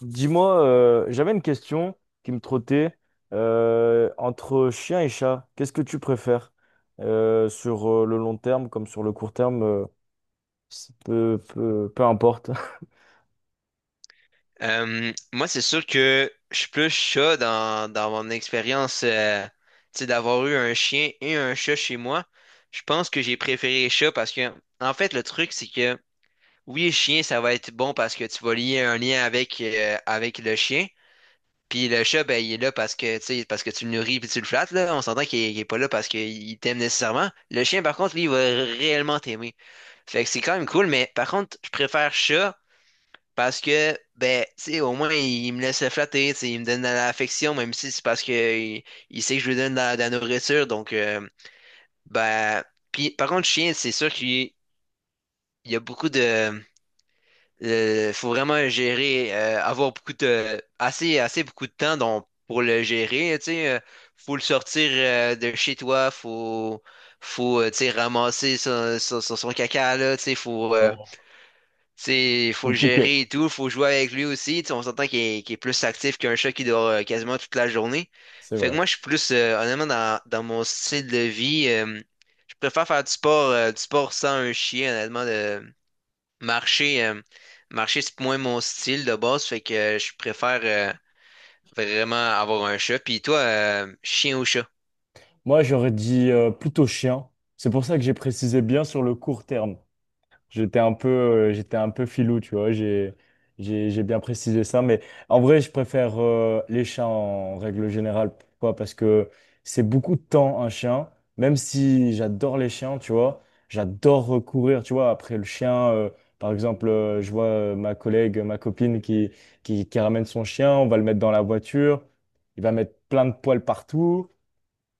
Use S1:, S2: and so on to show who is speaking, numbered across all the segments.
S1: Dis-moi, j'avais une question qui me trottait entre chien et chat. Qu'est-ce que tu préfères sur le long terme comme sur le court terme, c'est peu importe.
S2: Moi, c'est sûr que je suis plus chat dans mon expérience, tu sais, d'avoir eu un chien et un chat chez moi. Je pense que j'ai préféré les chats parce que, en fait, le truc, c'est que oui, le chien, ça va être bon parce que tu vas lier un lien avec, avec le chien. Puis le chat, ben, il est là parce que, tu sais, parce que tu le nourris puis tu le flattes, là. On s'entend il est pas là parce qu'il t'aime nécessairement. Le chien, par contre, lui, il va réellement t'aimer. Fait que c'est quand même cool, mais par contre, je préfère chat parce que, ben, tu sais, au moins, il me laisse flatter, tu sais, il me donne de l'affection, même si c'est parce que il, il sait que je lui donne de la nourriture. Donc, ben, puis, par contre, chien, c'est sûr qu'il il y a beaucoup de. Faut vraiment gérer, avoir beaucoup de. Assez beaucoup de temps donc, pour le gérer, tu sais. Faut le sortir de chez toi, faut tu sais, ramasser son caca, là, tu sais, faut.
S1: Bon,
S2: Faut le
S1: compliqué,
S2: gérer et tout, faut jouer avec lui aussi. Tu sais, on s'entend qu'il est plus actif qu'un chat qui dort quasiment toute la journée.
S1: c'est
S2: Fait que
S1: vrai.
S2: moi, je suis plus, honnêtement, dans mon style de vie, je préfère faire du sport sans un chien, honnêtement, de marcher, marcher, c'est moins mon style de base. Fait que je préfère vraiment avoir un chat. Puis toi, chien ou chat?
S1: Moi, j'aurais dit plutôt chien. C'est pour ça que j'ai précisé bien sur le court terme. J'étais un peu filou, tu vois. J'ai bien précisé ça, mais en vrai, je préfère les chats en règle générale. Pourquoi? Parce que c'est beaucoup de temps un chien. Même si j'adore les chiens, tu vois, j'adore courir, tu vois. Après le chien, par exemple, je vois ma collègue, ma copine qui ramène son chien. On va le mettre dans la voiture. Il va mettre plein de poils partout,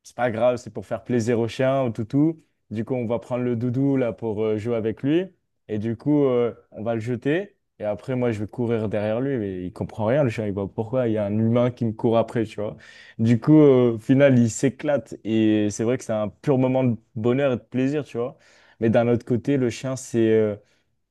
S1: c'est pas grave, c'est pour faire plaisir au chien, au toutou. Du coup, on va prendre le doudou là pour jouer avec lui. Et du coup, on va le jeter. Et après, moi, je vais courir derrière lui. Mais il comprend rien, le chien. Il voit pourquoi il y a un humain qui me court après, tu vois. Du coup, au final, il s'éclate. Et c'est vrai que c'est un pur moment de bonheur et de plaisir, tu vois. Mais d'un autre côté, le chien,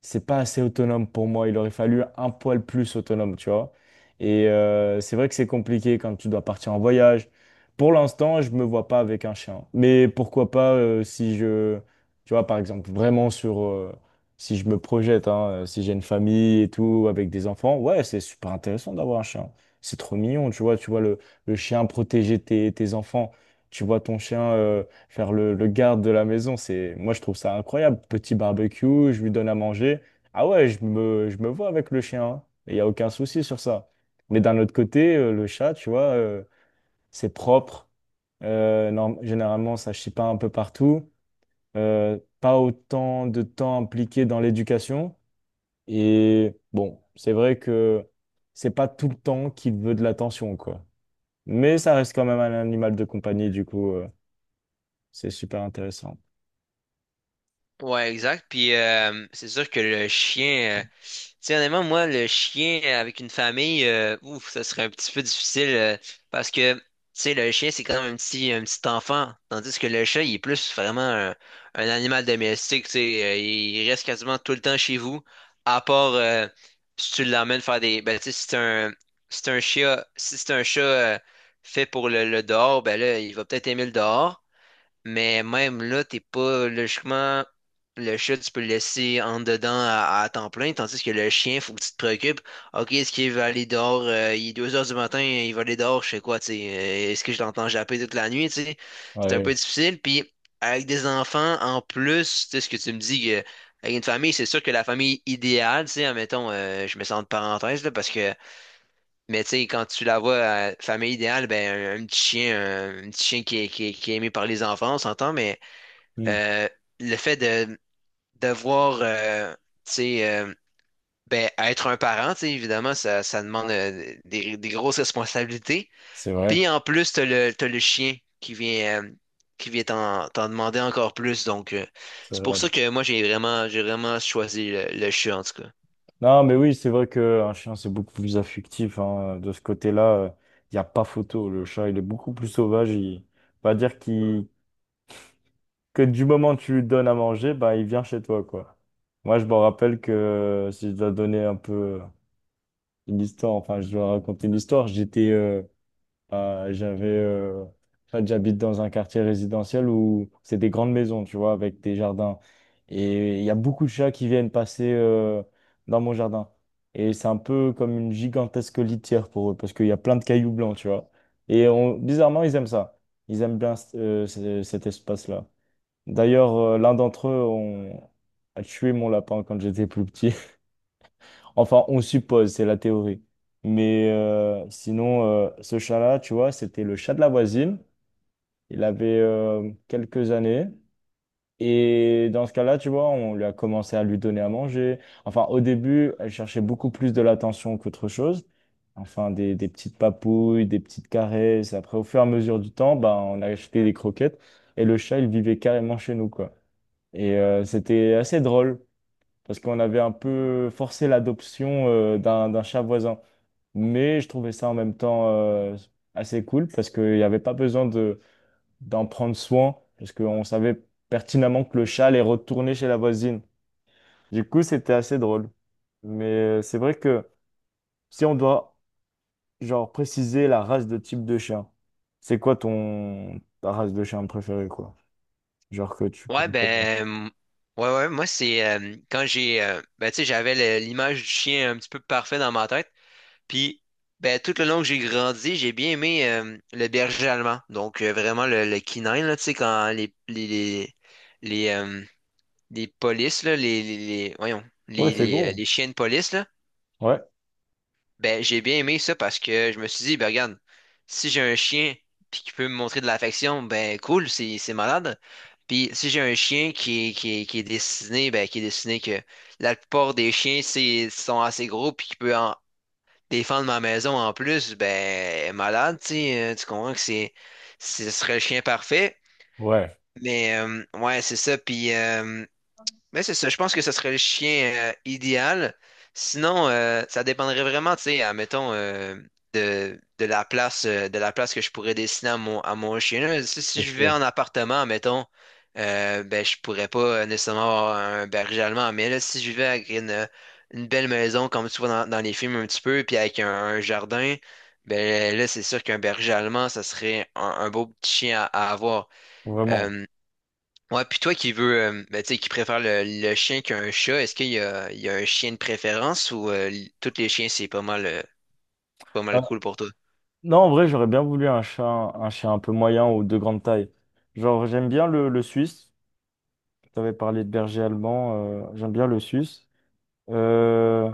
S1: c'est pas assez autonome pour moi. Il aurait fallu un poil plus autonome, tu vois. Et c'est vrai que c'est compliqué quand tu dois partir en voyage. Pour l'instant, je me vois pas avec un chien. Mais pourquoi pas si je, tu vois, par exemple, vraiment sur, si je me projette, hein, si j'ai une famille et tout, avec des enfants, ouais, c'est super intéressant d'avoir un chien. C'est trop mignon, tu vois le chien protéger tes enfants, tu vois ton chien faire le garde de la maison, c'est, moi je trouve ça incroyable. Petit barbecue, je lui donne à manger. Ah ouais, je me vois avec le chien, hein. Il n'y a aucun souci sur ça. Mais d'un autre côté, le chat, tu vois, c'est propre. Généralement, ça chie pas un peu partout. Pas autant de temps impliqué dans l'éducation. Et bon, c'est vrai que c'est pas tout le temps qu'il veut de l'attention, quoi. Mais ça reste quand même un animal de compagnie, du coup, c'est super intéressant.
S2: Ouais, exact. Puis c'est sûr que le chien, tu sais, honnêtement, moi, le chien avec une famille, ouf, ça serait un petit peu difficile parce que, tu sais, le chien, c'est quand même un petit enfant, tandis que le chat, il est plus vraiment un animal domestique, tu sais, il reste quasiment tout le temps chez vous, à part si tu l'emmènes faire des, ben, tu sais, si c'est un, si c'est un chien, si c'est un chat fait pour le dehors, ben là, il va peut-être aimer le dehors. Mais même là, t'es pas logiquement. Le chat, tu peux le laisser en dedans à temps plein, tandis que le chien, faut que tu te préoccupes. Ok, est-ce qu'il va aller dehors? Il est 2 heures du matin, il va aller dehors, je sais quoi, tu sais. Est-ce que je l'entends japper toute la nuit, tu sais? C'est un peu
S1: Ouais,
S2: difficile. Puis, avec des enfants, en plus, tu sais, ce que tu me dis, que, avec une famille, c'est sûr que la famille idéale, tu sais, admettons, je me sens de parenthèse, là, parce que, mais tu sais, quand tu la vois, famille idéale, ben, un petit chien, un petit chien qui est aimé par les enfants, on s'entend, mais
S1: hmm,
S2: euh, le fait de devoir tu sais, ben, être un parent, tu sais, évidemment, ça demande des grosses responsabilités.
S1: c'est vrai,
S2: Puis en plus, t'as le chien qui vient t'en demander encore plus. Donc,
S1: c'est
S2: c'est pour
S1: vrai.
S2: ça que moi, j'ai vraiment choisi le chien, en tout cas.
S1: Non, mais oui, c'est vrai qu'un chien, c'est beaucoup plus affectif, hein. De ce côté-là, il n'y a pas photo. Le chat, il est beaucoup plus sauvage. Il... on va dire qu'il que du moment que tu lui donnes à manger, bah, il vient chez toi, quoi. Moi, je me rappelle que si je dois donner un peu euh, une histoire, enfin, je dois raconter une histoire, j'avais, en fait, j'habite dans un quartier résidentiel où c'est des grandes maisons, tu vois, avec des jardins. Et il y a beaucoup de chats qui viennent passer, dans mon jardin. Et c'est un peu comme une gigantesque litière pour eux, parce qu'il y a plein de cailloux blancs, tu vois. Bizarrement, ils aiment ça. Ils aiment bien, cet espace-là. D'ailleurs, l'un d'entre eux on... a tué mon lapin quand j'étais plus petit. Enfin, on suppose, c'est la théorie. Mais sinon, ce chat-là, tu vois, c'était le chat de la voisine. Il avait quelques années. Et dans ce cas-là, tu vois, on lui a commencé à lui donner à manger. Enfin, au début, elle cherchait beaucoup plus de l'attention qu'autre chose. Enfin, des petites papouilles, des petites caresses. Après, au fur et à mesure du temps, ben, on a acheté des croquettes. Et le chat, il vivait carrément chez nous, quoi. Et c'était assez drôle parce qu'on avait un peu forcé l'adoption d'un chat voisin. Mais je trouvais ça en même temps assez cool parce qu'il n'y avait pas besoin de, d'en prendre soin parce qu'on savait pertinemment que le chat allait retourner chez la voisine. Du coup, c'était assez drôle. Mais c'est vrai que si on doit genre préciser la race de type de chien, c'est quoi ton ta race de chien préférée, quoi? Genre que tu
S2: Ouais,
S1: pourrais pas dire.
S2: ben, ouais, moi, c'est quand j'ai, ben, tu sais, j'avais l'image du chien un petit peu parfait dans ma tête. Puis, ben, tout le long que j'ai grandi, j'ai bien aimé le berger allemand. Donc, vraiment le canine, là, tu sais, quand les, euh, les polices, là, voyons,
S1: Ouais, c'est gros.
S2: les chiens de police, là,
S1: Ouais.
S2: ben, j'ai bien aimé ça parce que je me suis dit, ben, regarde, si j'ai un chien puis qui peut me montrer de l'affection, ben, cool, c'est malade. Puis, si j'ai un chien qui est dessiné, ben, qui est dessiné que la plupart des chiens, c'est, sont assez gros puis qui peut en, défendre ma maison en plus, ben, elle est malade, tu sais, tu comprends que c'est, ce serait le chien parfait.
S1: Ouais.
S2: Mais ouais, c'est ça. Puis mais c'est ça, je pense que ce serait le chien idéal. Sinon, ça dépendrait vraiment, tu sais, admettons, de la place que je pourrais dessiner à mon chien. Là, si, si je vais en appartement, admettons, ben, je pourrais pas nécessairement avoir un berger allemand. Mais là, si je vivais avec une belle maison, comme tu vois dans les films un petit peu, puis avec un jardin, ben là, c'est sûr qu'un berger allemand, ça serait un beau petit chien à avoir.
S1: Vraiment.
S2: Euh, Ouais, puis toi qui veux, ben, tu sais, qui préfère le chien qu'un chat, est-ce qu'il y a, il y a un chien de préférence ou tous les chiens, c'est pas mal, pas
S1: Euh,
S2: mal cool pour toi?
S1: non, en vrai, j'aurais bien voulu un chien, un chien un peu moyen ou de grande taille. Genre, j'aime bien le suisse. Tu avais parlé de berger allemand. Euh, j'aime bien le suisse. Euh,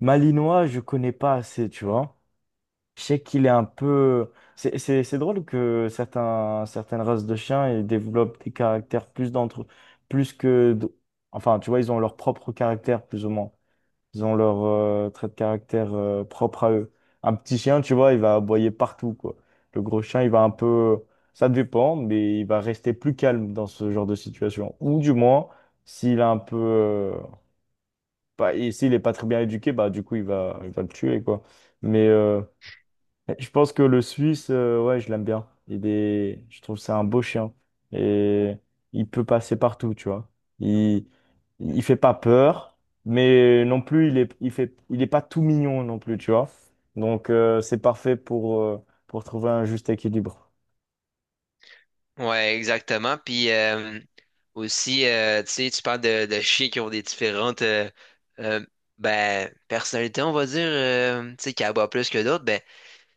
S1: malinois, je connais pas assez, tu vois. Je sais qu'il est un peu. C'est drôle que certaines races de chiens ils développent des caractères plus d'entre. Plus que. D- Enfin, tu vois, ils ont leur propre caractère, plus ou moins. Ils ont leur trait de caractère propre à eux. Un petit chien, tu vois, il va aboyer partout, quoi. Le gros chien, il va un peu... Ça dépend, mais il va rester plus calme dans ce genre de situation. Ou du moins, s'il a un peu... pas- et s'il est pas très bien éduqué, bah du coup, il va le tuer, quoi. Mais je pense que le Suisse, ouais, je l'aime bien. Il est... je trouve que c'est un beau chien. Et il peut passer partout, tu vois. Il... il fait pas peur, mais non plus, il est... il fait... il est pas tout mignon non plus, tu vois. Donc, c'est parfait pour trouver un juste équilibre.
S2: Ouais, exactement. Puis aussi, tu sais, tu parles de chiens qui ont des différentes euh, ben, personnalités, on va dire, tu sais, qui aboient plus que d'autres.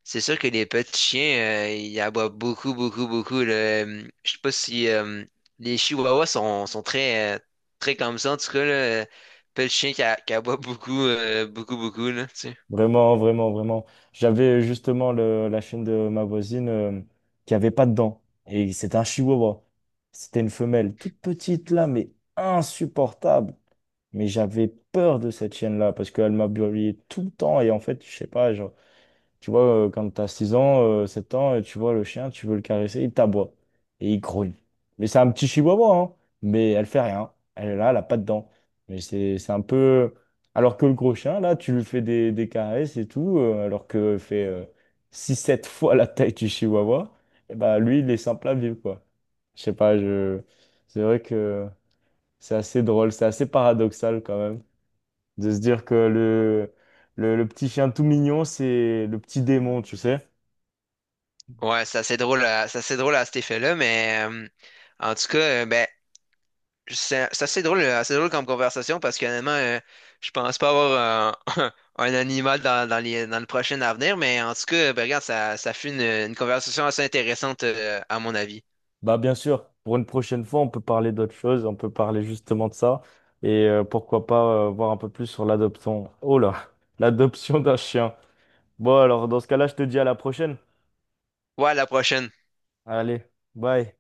S2: C'est sûr que les petits chiens, ils aboient beaucoup, beaucoup, beaucoup là. Je sais pas si les chihuahuas sont très, très comme ça. En tout cas, là, euh, petit chien qui aboie beaucoup, beaucoup, beaucoup, là, tu sais.
S1: Vraiment, vraiment, vraiment. J'avais justement le... la chienne de ma voisine qui avait pas de dents. Et c'était un chihuahua. C'était une femelle toute petite là, mais insupportable. Mais j'avais peur de cette chienne-là parce qu'elle m'a brûlé tout le temps. Et en fait, je sais pas, genre, tu vois, quand t'as 6 ans, 7 ans, et tu vois le chien, tu veux le caresser, il t'aboie et il grogne. Mais c'est un petit chihuahua, hein. Mais elle fait rien. Elle est là, elle a pas de dents. Mais c'est un peu. Alors que le gros chien, là, tu lui fais des caresses et tout, alors que fait 6-7 fois la taille du chihuahua, et bah lui, il est simple à vivre, quoi. Je sais pas, je... c'est vrai que c'est assez drôle, c'est assez paradoxal quand même. De se dire que le petit chien tout mignon, c'est le petit démon, tu sais.
S2: Ouais, c'est assez drôle à cet effet-là, mais en tout cas, ben, c'est assez drôle comme conversation parce que euh, je pense pas avoir un, un animal dans le prochain avenir, mais en tout cas, ben, regarde, ça fut une conversation assez intéressante, à mon avis.
S1: Bah bien sûr, pour une prochaine fois, on peut parler d'autre chose, on peut parler justement de ça. Et pourquoi pas voir un peu plus sur l'adoption. Oh là, l'adoption d'un chien. Bon alors, dans ce cas-là, je te dis à la prochaine.
S2: Ouais, à la prochaine.
S1: Allez, bye.